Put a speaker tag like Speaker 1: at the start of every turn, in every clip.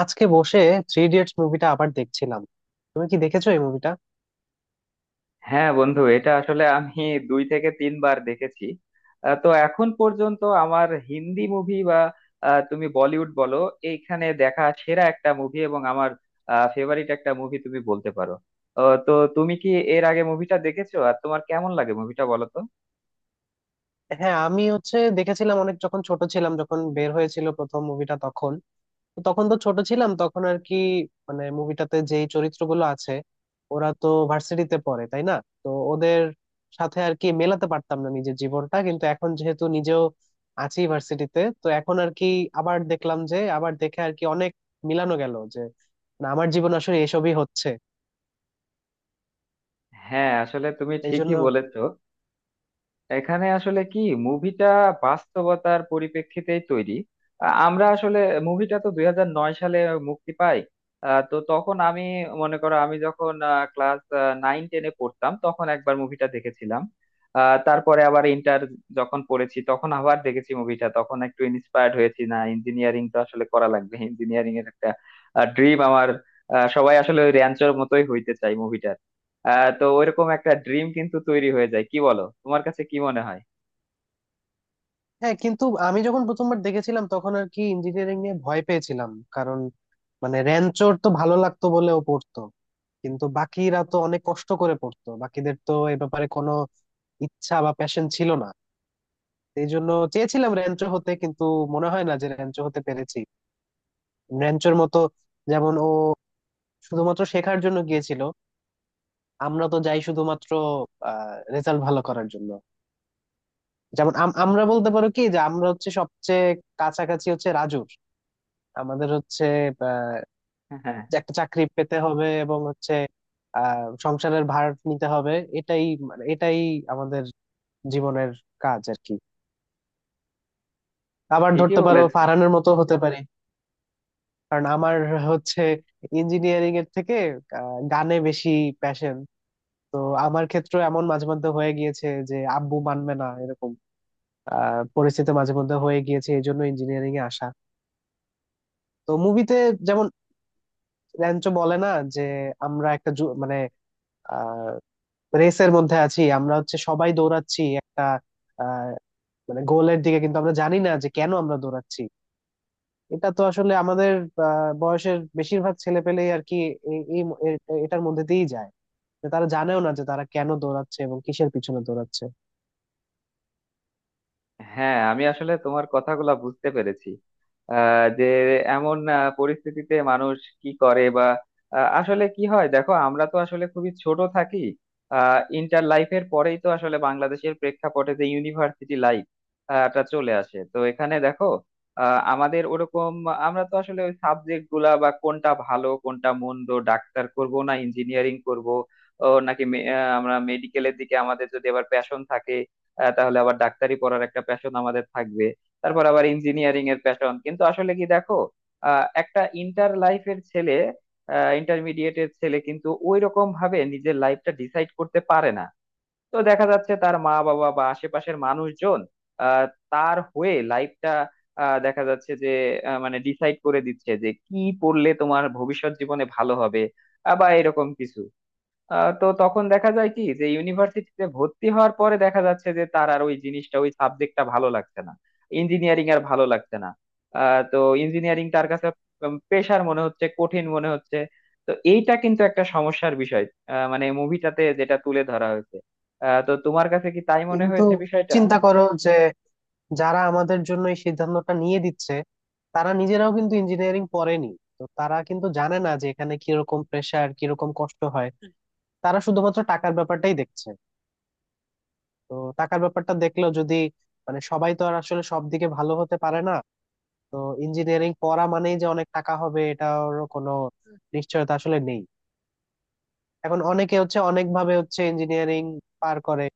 Speaker 1: আজকে বসে three idiots মুভিটা আবার দেখছিলাম। তুমি কি দেখেছো এই মুভিটা?
Speaker 2: হ্যাঁ বন্ধু, এটা আসলে আমি দুই থেকে তিনবার দেখেছি। তো এখন পর্যন্ত আমার হিন্দি মুভি বা তুমি বলিউড বলো, এইখানে দেখা সেরা একটা মুভি এবং আমার ফেভারিট একটা মুভি তুমি বলতে পারো। তো তুমি কি এর আগে মুভিটা দেখেছো আর তোমার কেমন লাগে মুভিটা বলো তো?
Speaker 1: হ্যাঁ আমি হচ্ছে দেখেছিলাম অনেক যখন ছোট ছিলাম, যখন বের হয়েছিল প্রথম মুভিটা তখন। তো তখন তো ছোট ছিলাম তখন আর কি। মানে মুভিটাতে যেই চরিত্রগুলো আছে ওরা তো ভার্সিটিতে পড়ে, তাই না? তো ওদের সাথে আর কি মেলাতে পারতাম না নিজের জীবনটা, কিন্তু এখন যেহেতু নিজেও আছি ভার্সিটিতে তো এখন আর কি আবার দেখলাম যে, আবার দেখে আর কি অনেক মিলানো গেল যে না আমার জীবন আসলে এসবই হচ্ছে
Speaker 2: হ্যাঁ আসলে তুমি
Speaker 1: এই জন্য।
Speaker 2: ঠিকই বলেছো। এখানে আসলে কি, মুভিটা বাস্তবতার পরিপ্রেক্ষিতেই তৈরি। আমরা আসলে মুভিটা তো 2009 সালে মুক্তি পাই। তো তখন আমি, মনে করো আমি যখন ক্লাস নাইন টেনে পড়তাম তখন একবার মুভিটা দেখেছিলাম। আ, তারপরে আবার ইন্টার যখন পড়েছি তখন আবার দেখেছি মুভিটা, তখন একটু ইন্সপায়ার্ড হয়েছি, না ইঞ্জিনিয়ারিং তো আসলে করা লাগবে, ইঞ্জিনিয়ারিং এর একটা ড্রিম আমার। সবাই আসলে ওই র্যাঞ্চোর মতোই হইতে চাই মুভিটা। তো ওইরকম একটা ড্রিম কিন্তু তৈরি হয়ে যায়, কি বলো, তোমার কাছে কি মনে হয়?
Speaker 1: হ্যাঁ কিন্তু আমি যখন প্রথমবার দেখেছিলাম তখন আর কি ইঞ্জিনিয়ারিং নিয়ে ভয় পেয়েছিলাম। কারণ মানে র্যাঞ্চোর তো ভালো লাগতো বলে ও পড়তো, কিন্তু বাকিরা তো অনেক কষ্ট করে পড়তো, বাকিদের তো এ ব্যাপারে কোনো ইচ্ছা বা প্যাশন ছিল না। এই জন্য চেয়েছিলাম র্যাঞ্চো হতে, কিন্তু মনে হয় না যে র্যাঞ্চো হতে পেরেছি র্যাঞ্চোর মতো। যেমন ও শুধুমাত্র শেখার জন্য গিয়েছিল, আমরা তো যাই শুধুমাত্র রেজাল্ট ভালো করার জন্য। যেমন আমরা বলতে পারো কি যে আমরা হচ্ছে সবচেয়ে কাছাকাছি হচ্ছে রাজুর। আমাদের হচ্ছে আহ,
Speaker 2: হ্যাঁ,
Speaker 1: যে একটা চাকরি পেতে হবে এবং হচ্ছে সংসারের ভার নিতে হবে। এটাই মানে এটাই আমাদের জীবনের কাজ আর কি। আবার
Speaker 2: ঠিকই
Speaker 1: ধরতে পারো
Speaker 2: বলেছ।
Speaker 1: ফারহানের মতো হতে পারি। কারণ আমার হচ্ছে ইঞ্জিনিয়ারিং এর থেকে গানে বেশি প্যাশন। তো আমার ক্ষেত্রে এমন মাঝে মধ্যে হয়ে গিয়েছে যে আব্বু মানবে না, এরকম পরিস্থিতি মাঝে মধ্যে হয়ে গিয়েছে এই জন্য ইঞ্জিনিয়ারিং এ আসা। তো মুভিতে যেমন র্যাঞ্চো বলে না যে আমরা একটা মানে রেসের মধ্যে আছি। আমরা হচ্ছে সবাই দৌড়াচ্ছি একটা আহ মানে গোলের দিকে, কিন্তু আমরা জানি না যে কেন আমরা দৌড়াচ্ছি। এটা তো আসলে আমাদের বয়সের বেশিরভাগ ছেলে পেলেই আর কি এই- এই ম- এ- এটার মধ্যে দিয়েই যায় যে তারা জানেও না যে তারা কেন দৌড়াচ্ছে এবং কিসের পিছনে দৌড়াচ্ছে।
Speaker 2: হ্যাঁ আমি আসলে তোমার কথাগুলা বুঝতে পেরেছি। যে এমন পরিস্থিতিতে মানুষ কি করে বা আসলে কি হয়, দেখো আমরা তো আসলে খুবই ছোট থাকি। ইন্টার লাইফের পরেই তো আসলে বাংলাদেশের প্রেক্ষাপটে যে ইউনিভার্সিটি লাইফ টা চলে আসে, তো এখানে দেখো আমাদের ওরকম, আমরা তো আসলে ওই সাবজেক্ট গুলা বা কোনটা ভালো কোনটা মন্দ, ডাক্তার করব না ইঞ্জিনিয়ারিং করব ও নাকি আমরা মেডিকেলের দিকে, আমাদের যদি আবার প্যাশন থাকে তাহলে আবার ডাক্তারি পড়ার একটা প্যাশন আমাদের থাকবে, তারপর আবার ইঞ্জিনিয়ারিং এর প্যাশন, কিন্তু আসলে কি দেখো, একটা ইন্টার লাইফের ছেলে, ইন্টারমিডিয়েটের ছেলে কিন্তু ওই রকম ভাবে নিজের লাইফটা ডিসাইড করতে পারে না। তো দেখা যাচ্ছে তার মা বাবা বা আশেপাশের মানুষজন আহ, তার হয়ে লাইফটা, দেখা যাচ্ছে যে মানে ডিসাইড করে দিচ্ছে যে কি পড়লে তোমার ভবিষ্যৎ জীবনে ভালো হবে বা এরকম কিছু। তো তখন দেখা যায় কি যে ইউনিভার্সিটিতে ভর্তি হওয়ার পরে দেখা যাচ্ছে যে তার আর ওই জিনিসটা, ওই সাবজেক্টটা ভালো লাগছে না, ইঞ্জিনিয়ারিং আর ভালো লাগছে না। তো ইঞ্জিনিয়ারিং তার কাছে পেশার মনে হচ্ছে, কঠিন মনে হচ্ছে। তো এইটা কিন্তু একটা সমস্যার বিষয়, মানে মুভিটাতে যেটা তুলে ধরা হয়েছে। তো তোমার কাছে কি তাই মনে
Speaker 1: কিন্তু
Speaker 2: হয়েছে বিষয়টা?
Speaker 1: চিন্তা করো যে যারা আমাদের জন্য এই সিদ্ধান্তটা নিয়ে দিচ্ছে তারা নিজেরাও কিন্তু ইঞ্জিনিয়ারিং পড়েনি। তো তারা কিন্তু জানে না যে এখানে কিরকম প্রেশার কিরকম কষ্ট হয়। তারা শুধুমাত্র টাকার ব্যাপারটাই দেখছে। তো টাকার ব্যাপারটা দেখলেও যদি মানে সবাই তো আর আসলে সব দিকে ভালো হতে পারে না। তো ইঞ্জিনিয়ারিং পড়া মানেই যে অনেক টাকা হবে এটার কোনো নিশ্চয়তা আসলে নেই। এখন অনেকে হচ্ছে অনেক ভাবে হচ্ছে ইঞ্জিনিয়ারিং পার করে।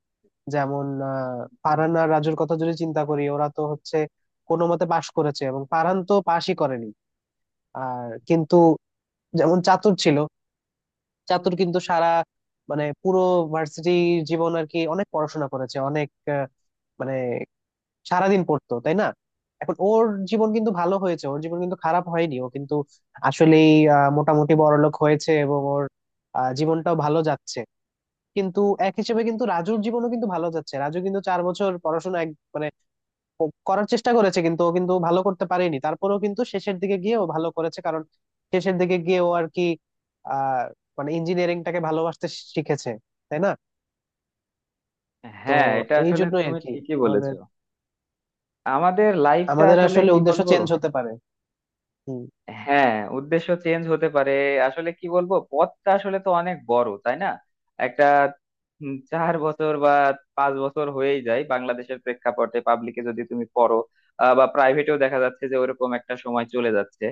Speaker 1: যেমন ফারহান আর রাজুর কথা যদি চিন্তা করি, ওরা তো হচ্ছে কোনো মতে পাশ করেছে এবং ফারহান তো পাশই করেনি। আর কিন্তু যেমন চাতুর ছিল, চাতুর কিন্তু সারা মানে পুরো ভার্সিটি জীবন আর কি অনেক পড়াশোনা করেছে অনেক আহ, মানে সারাদিন পড়তো, তাই না? এখন ওর জীবন কিন্তু ভালো হয়েছে, ওর জীবন কিন্তু খারাপ হয়নি। ও কিন্তু আসলেই মোটামুটি বড়লোক হয়েছে এবং ওর জীবনটাও ভালো যাচ্ছে। কিন্তু এক হিসেবে কিন্তু রাজুর জীবনও কিন্তু ভালো যাচ্ছে। রাজু কিন্তু 4 বছর পড়াশোনা মানে ও করার চেষ্টা করেছে, কিন্তু ও কিন্তু ভালো করতে পারেনি। তারপরেও কিন্তু শেষের দিকে গিয়ে ও ভালো করেছে কারণ শেষের দিকে গিয়ে ও আর কি আহ মানে ইঞ্জিনিয়ারিংটাকে ভালোবাসতে শিখেছে, তাই না? তো
Speaker 2: হ্যাঁ এটা
Speaker 1: এই
Speaker 2: আসলে
Speaker 1: জন্যই আর
Speaker 2: তুমি
Speaker 1: কি
Speaker 2: ঠিকই
Speaker 1: আমাদের
Speaker 2: বলেছো। আমাদের লাইফটা
Speaker 1: আমাদের
Speaker 2: আসলে
Speaker 1: আসলে
Speaker 2: কি
Speaker 1: উদ্দেশ্য
Speaker 2: বলবো।
Speaker 1: চেঞ্জ হতে পারে। হম।
Speaker 2: হ্যাঁ, উদ্দেশ্য চেঞ্জ হতে পারে। আসলে কি বলবো, পথটা আসলে তো অনেক বড়, তাই না? একটা 4 বছর বা 5 বছর হয়েই যায় বাংলাদেশের প্রেক্ষাপটে, পাবলিকে যদি তুমি পড়ো বা প্রাইভেটেও, দেখা যাচ্ছে যে ওরকম একটা সময় চলে যাচ্ছে।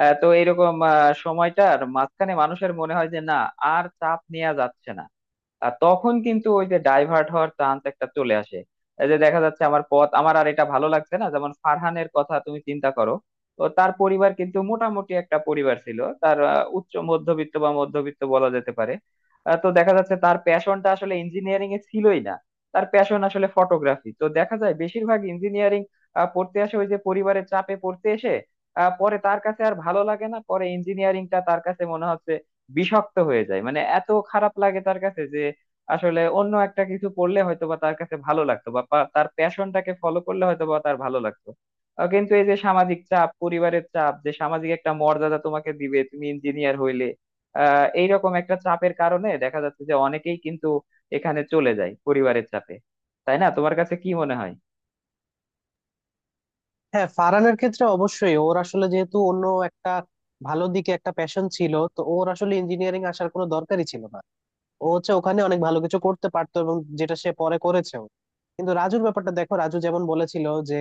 Speaker 2: তো এরকম সময়টার মাঝখানে মানুষের মনে হয় যে না, আর চাপ নেওয়া যাচ্ছে না, আর তখন কিন্তু ওই যে ডাইভার্ট হওয়ার চান্স একটা চলে আসে। এই যে দেখা যাচ্ছে আমার পথ, আমার আর এটা ভালো লাগছে না, যেমন ফারহানের কথা তুমি চিন্তা করো, তো তার পরিবার কিন্তু মোটামুটি একটা পরিবার ছিল তার, উচ্চ মধ্যবিত্ত বা মধ্যবিত্ত বলা যেতে পারে। তো দেখা যাচ্ছে তার প্যাশনটা আসলে ইঞ্জিনিয়ারিং এ ছিলই না, তার প্যাশন আসলে ফটোগ্রাফি। তো দেখা যায় বেশিরভাগ ইঞ্জিনিয়ারিং পড়তে আসে ওই যে পরিবারের চাপে, পড়তে এসে পরে তার কাছে আর ভালো লাগে না, পরে ইঞ্জিনিয়ারিংটা তার কাছে মনে হচ্ছে বিষাক্ত হয়ে যায়, মানে এত খারাপ লাগে তার কাছে, যে আসলে অন্য একটা কিছু পড়লে হয়তোবা তার কাছে ভালো লাগতো, বা তার প্যাশনটাকে ফলো করলে হয়তোবা তার ভালো লাগতো। কিন্তু এই যে সামাজিক চাপ, পরিবারের চাপ, যে সামাজিক একটা মর্যাদা তোমাকে দিবে তুমি ইঞ্জিনিয়ার হইলে, এইরকম একটা চাপের কারণে দেখা যাচ্ছে যে অনেকেই কিন্তু এখানে চলে যায় পরিবারের চাপে। তাই না? তোমার কাছে কি মনে হয়?
Speaker 1: হ্যাঁ ফারহানের ক্ষেত্রে অবশ্যই ওর আসলে যেহেতু অন্য একটা ভালো দিকে একটা প্যাশন ছিল তো ওর আসলে ইঞ্জিনিয়ারিং আসার কোনো দরকারই ছিল না। ও হচ্ছে ওখানে অনেক ভালো কিছু করতে পারতো এবং যেটা সে পরে করেছেও। কিন্তু রাজুর ব্যাপারটা দেখো। রাজু যেমন বলেছিল যে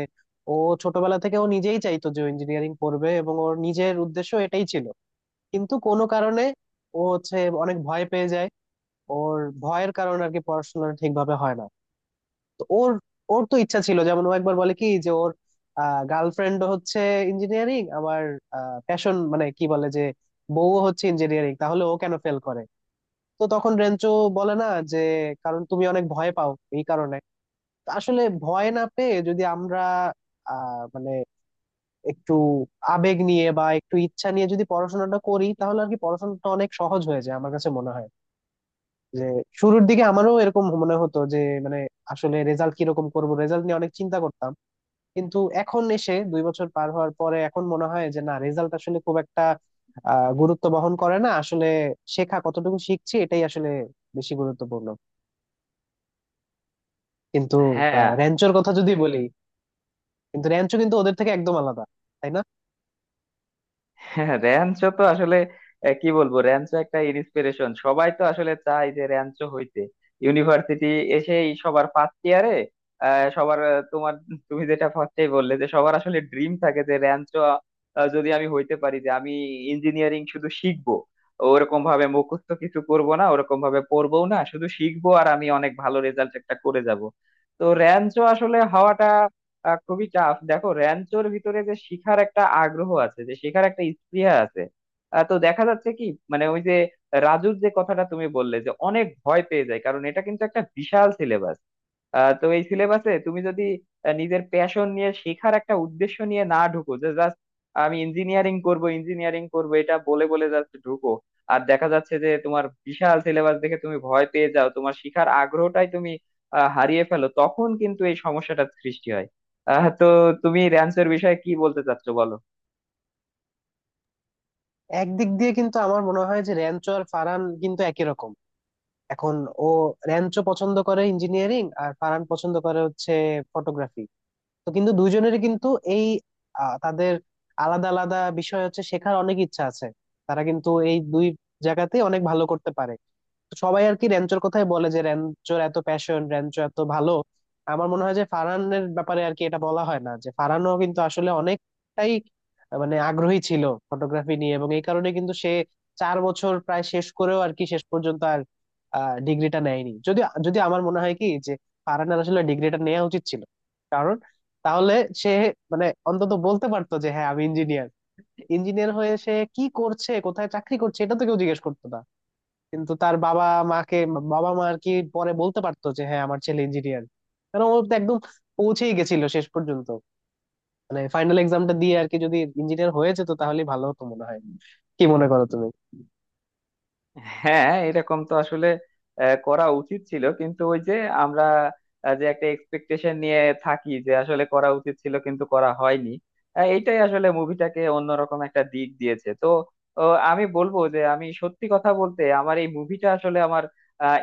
Speaker 1: ও ছোটবেলা থেকে ও নিজেই চাইতো যে ইঞ্জিনিয়ারিং পড়বে এবং ওর নিজের উদ্দেশ্য এটাই ছিল। কিন্তু কোনো কারণে ও হচ্ছে অনেক ভয় পেয়ে যায়। ওর ভয়ের কারণে আর কি পড়াশোনা ঠিকভাবে হয় না। তো ওর ওর তো ইচ্ছা ছিল, যেমন ও একবার বলে কি যে ওর গার্লফ্রেন্ড হচ্ছে ইঞ্জিনিয়ারিং, আমার প্যাশন মানে কি বলে যে বউ হচ্ছে ইঞ্জিনিয়ারিং, তাহলে ও কেন ফেল করে। তো তখন রেঞ্চো বলে না যে কারণ তুমি অনেক ভয় পাও এই কারণে। তো আসলে ভয় না পেয়ে যদি আমরা মানে একটু আবেগ নিয়ে বা একটু ইচ্ছা নিয়ে যদি পড়াশোনাটা করি তাহলে আর কি পড়াশোনাটা অনেক সহজ হয়ে যায় আমার কাছে মনে হয়। যে শুরুর দিকে আমারও এরকম মনে হতো যে মানে আসলে রেজাল্ট কিরকম করব, রেজাল্ট নিয়ে অনেক চিন্তা করতাম। কিন্তু এখন এসে 2 বছর পার হওয়ার পরে এখন মনে হয় যে না রেজাল্ট আসলে খুব একটা গুরুত্ব বহন করে না আসলে। শেখা কতটুকু শিখছি এটাই আসলে বেশি গুরুত্বপূর্ণ। কিন্তু
Speaker 2: হ্যাঁ।
Speaker 1: র্যাঞ্চোর কথা যদি বলি, কিন্তু র্যাঞ্চো কিন্তু ওদের থেকে একদম আলাদা, তাই না?
Speaker 2: হ্যাঁ, র্যাঞ্চো তো আসলে কি বলবো, র্যাঞ্চো একটা ইন্সপিরেশন, সবাই তো আসলে চায় যে র্যাঞ্চো হইতে। ইউনিভার্সিটি এসেই সবার ফার্স্ট ইয়ারে সবার, তোমার, তুমি যেটা ফার্স্টেই বললে যে সবার আসলে ড্রিম থাকে যে র্যাঞ্চো, যদি আমি হইতে পারি, যে আমি ইঞ্জিনিয়ারিং শুধু শিখবো, ওরকম ভাবে মুখস্থ কিছু করব না, ওরকম ভাবে পড়বো না, শুধু শিখবো আর আমি অনেক ভালো রেজাল্ট একটা করে যাব। তো র্যাঞ্চো আসলে হওয়াটা খুবই টাফ। দেখো র্যাঞ্চোর ভিতরে যে শিখার একটা আগ্রহ আছে, যে শেখার একটা স্পৃহা আছে। তো দেখা যাচ্ছে কি, মানে ওই যে রাজুর যে কথাটা তুমি বললে যে অনেক ভয় পেয়ে যায়, কারণ এটা কিন্তু একটা বিশাল সিলেবাস। তো এই সিলেবাসে তুমি যদি নিজের প্যাশন নিয়ে, শেখার একটা উদ্দেশ্য নিয়ে না ঢুকো, যে জাস্ট আমি ইঞ্জিনিয়ারিং করব ইঞ্জিনিয়ারিং করব এটা বলে বলে জাস্ট ঢুকো, আর দেখা যাচ্ছে যে তোমার বিশাল সিলেবাস দেখে তুমি ভয় পেয়ে যাও, তোমার শেখার আগ্রহটাই তুমি হারিয়ে ফেলো, তখন কিন্তু এই সমস্যাটার সৃষ্টি হয়। তো তুমি র্যাঞ্চের বিষয়ে কি বলতে চাচ্ছো বলো?
Speaker 1: একদিক দিয়ে কিন্তু আমার মনে হয় যে র্যাঞ্চো আর ফারান কিন্তু একই রকম। এখন ও র্যাঞ্চো পছন্দ করে ইঞ্জিনিয়ারিং আর ফারান পছন্দ করে হচ্ছে ফটোগ্রাফি। তো কিন্তু দুজনেরই কিন্তু এই তাদের আলাদা আলাদা বিষয় হচ্ছে শেখার অনেক ইচ্ছা আছে। তারা কিন্তু এই দুই জায়গাতেই অনেক ভালো করতে পারে। তো সবাই আর কি র্যাঞ্চোর কথাই বলে যে র্যাঞ্চোর এত প্যাশন, র্যাঞ্চো এত ভালো। আমার মনে হয় যে ফারহানের ব্যাপারে আর কি এটা বলা হয় না যে ফারহানও কিন্তু আসলে অনেকটাই মানে আগ্রহী ছিল ফটোগ্রাফি নিয়ে এবং এই কারণে কিন্তু সে 4 বছর প্রায় শেষ করেও আর কি শেষ পর্যন্ত আর ডিগ্রিটা নেয়নি। যদি যদি আমার মনে হয় কি যে ফারহানের আসলে ডিগ্রিটা নেওয়া উচিত ছিল তাহলে সে মানে অন্তত বলতে পারতো যে হ্যাঁ আমি ইঞ্জিনিয়ার। ইঞ্জিনিয়ার হয়ে সে কি করছে কোথায় চাকরি করছে এটা তো কেউ জিজ্ঞেস করতো না। কিন্তু তার বাবা মাকে, বাবা মা আর কি পরে বলতে পারতো যে হ্যাঁ আমার ছেলে ইঞ্জিনিয়ার। কারণ ও তো একদম পৌঁছেই গেছিল শেষ পর্যন্ত। মানে ফাইনাল এক্সামটা দিয়ে আর কি যদি ইঞ্জিনিয়ার হয়ে যেত তাহলে ভালো হতো মনে হয়। কি মনে করো তুমি?
Speaker 2: হ্যাঁ এরকম তো আসলে করা উচিত ছিল, কিন্তু ওই যে আমরা যে একটা এক্সপেকটেশন নিয়ে থাকি যে আসলে করা উচিত ছিল কিন্তু করা হয়নি। এইটাই আসলে মুভিটাকে অন্যরকম একটা দিক দিয়েছে, তো ও, আমি বলবো যে, আমি সত্যি কথা বলতে, আমার এই মুভিটা আসলে আমার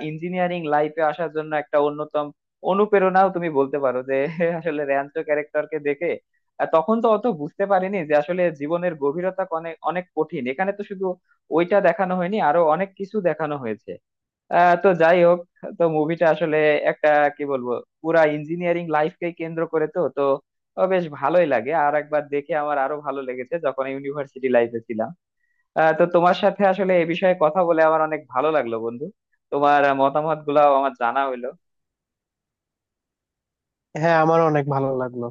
Speaker 2: ইঞ্জিনিয়ারিং লাইফে আসার জন্য একটা অন্যতম অনুপ্রেরণাও তুমি বলতে পারো যে আসলে র্যাঞ্চো ক্যারেক্টারকে দেখে। তখন তো অত বুঝতে পারিনি যে আসলে জীবনের গভীরতা অনেক অনেক কঠিন, এখানে তো শুধু ওইটা দেখানো হয়নি, আরো অনেক কিছু দেখানো হয়েছে। তো যাই হোক, তো মুভিটা আসলে একটা, কি বলবো, পুরা ইঞ্জিনিয়ারিং লাইফকে কেন্দ্র করে, তো তো ও বেশ ভালোই লাগে, আর একবার দেখে আমার আরো ভালো লেগেছে যখন ইউনিভার্সিটি লাইফে ছিলাম। তো তোমার সাথে আসলে এ বিষয়ে কথা বলে আমার অনেক ভালো লাগলো বন্ধু, তোমার মতামত গুলাও আমার জানা হইলো।
Speaker 1: হ্যাঁ আমার অনেক ভালো লাগলো।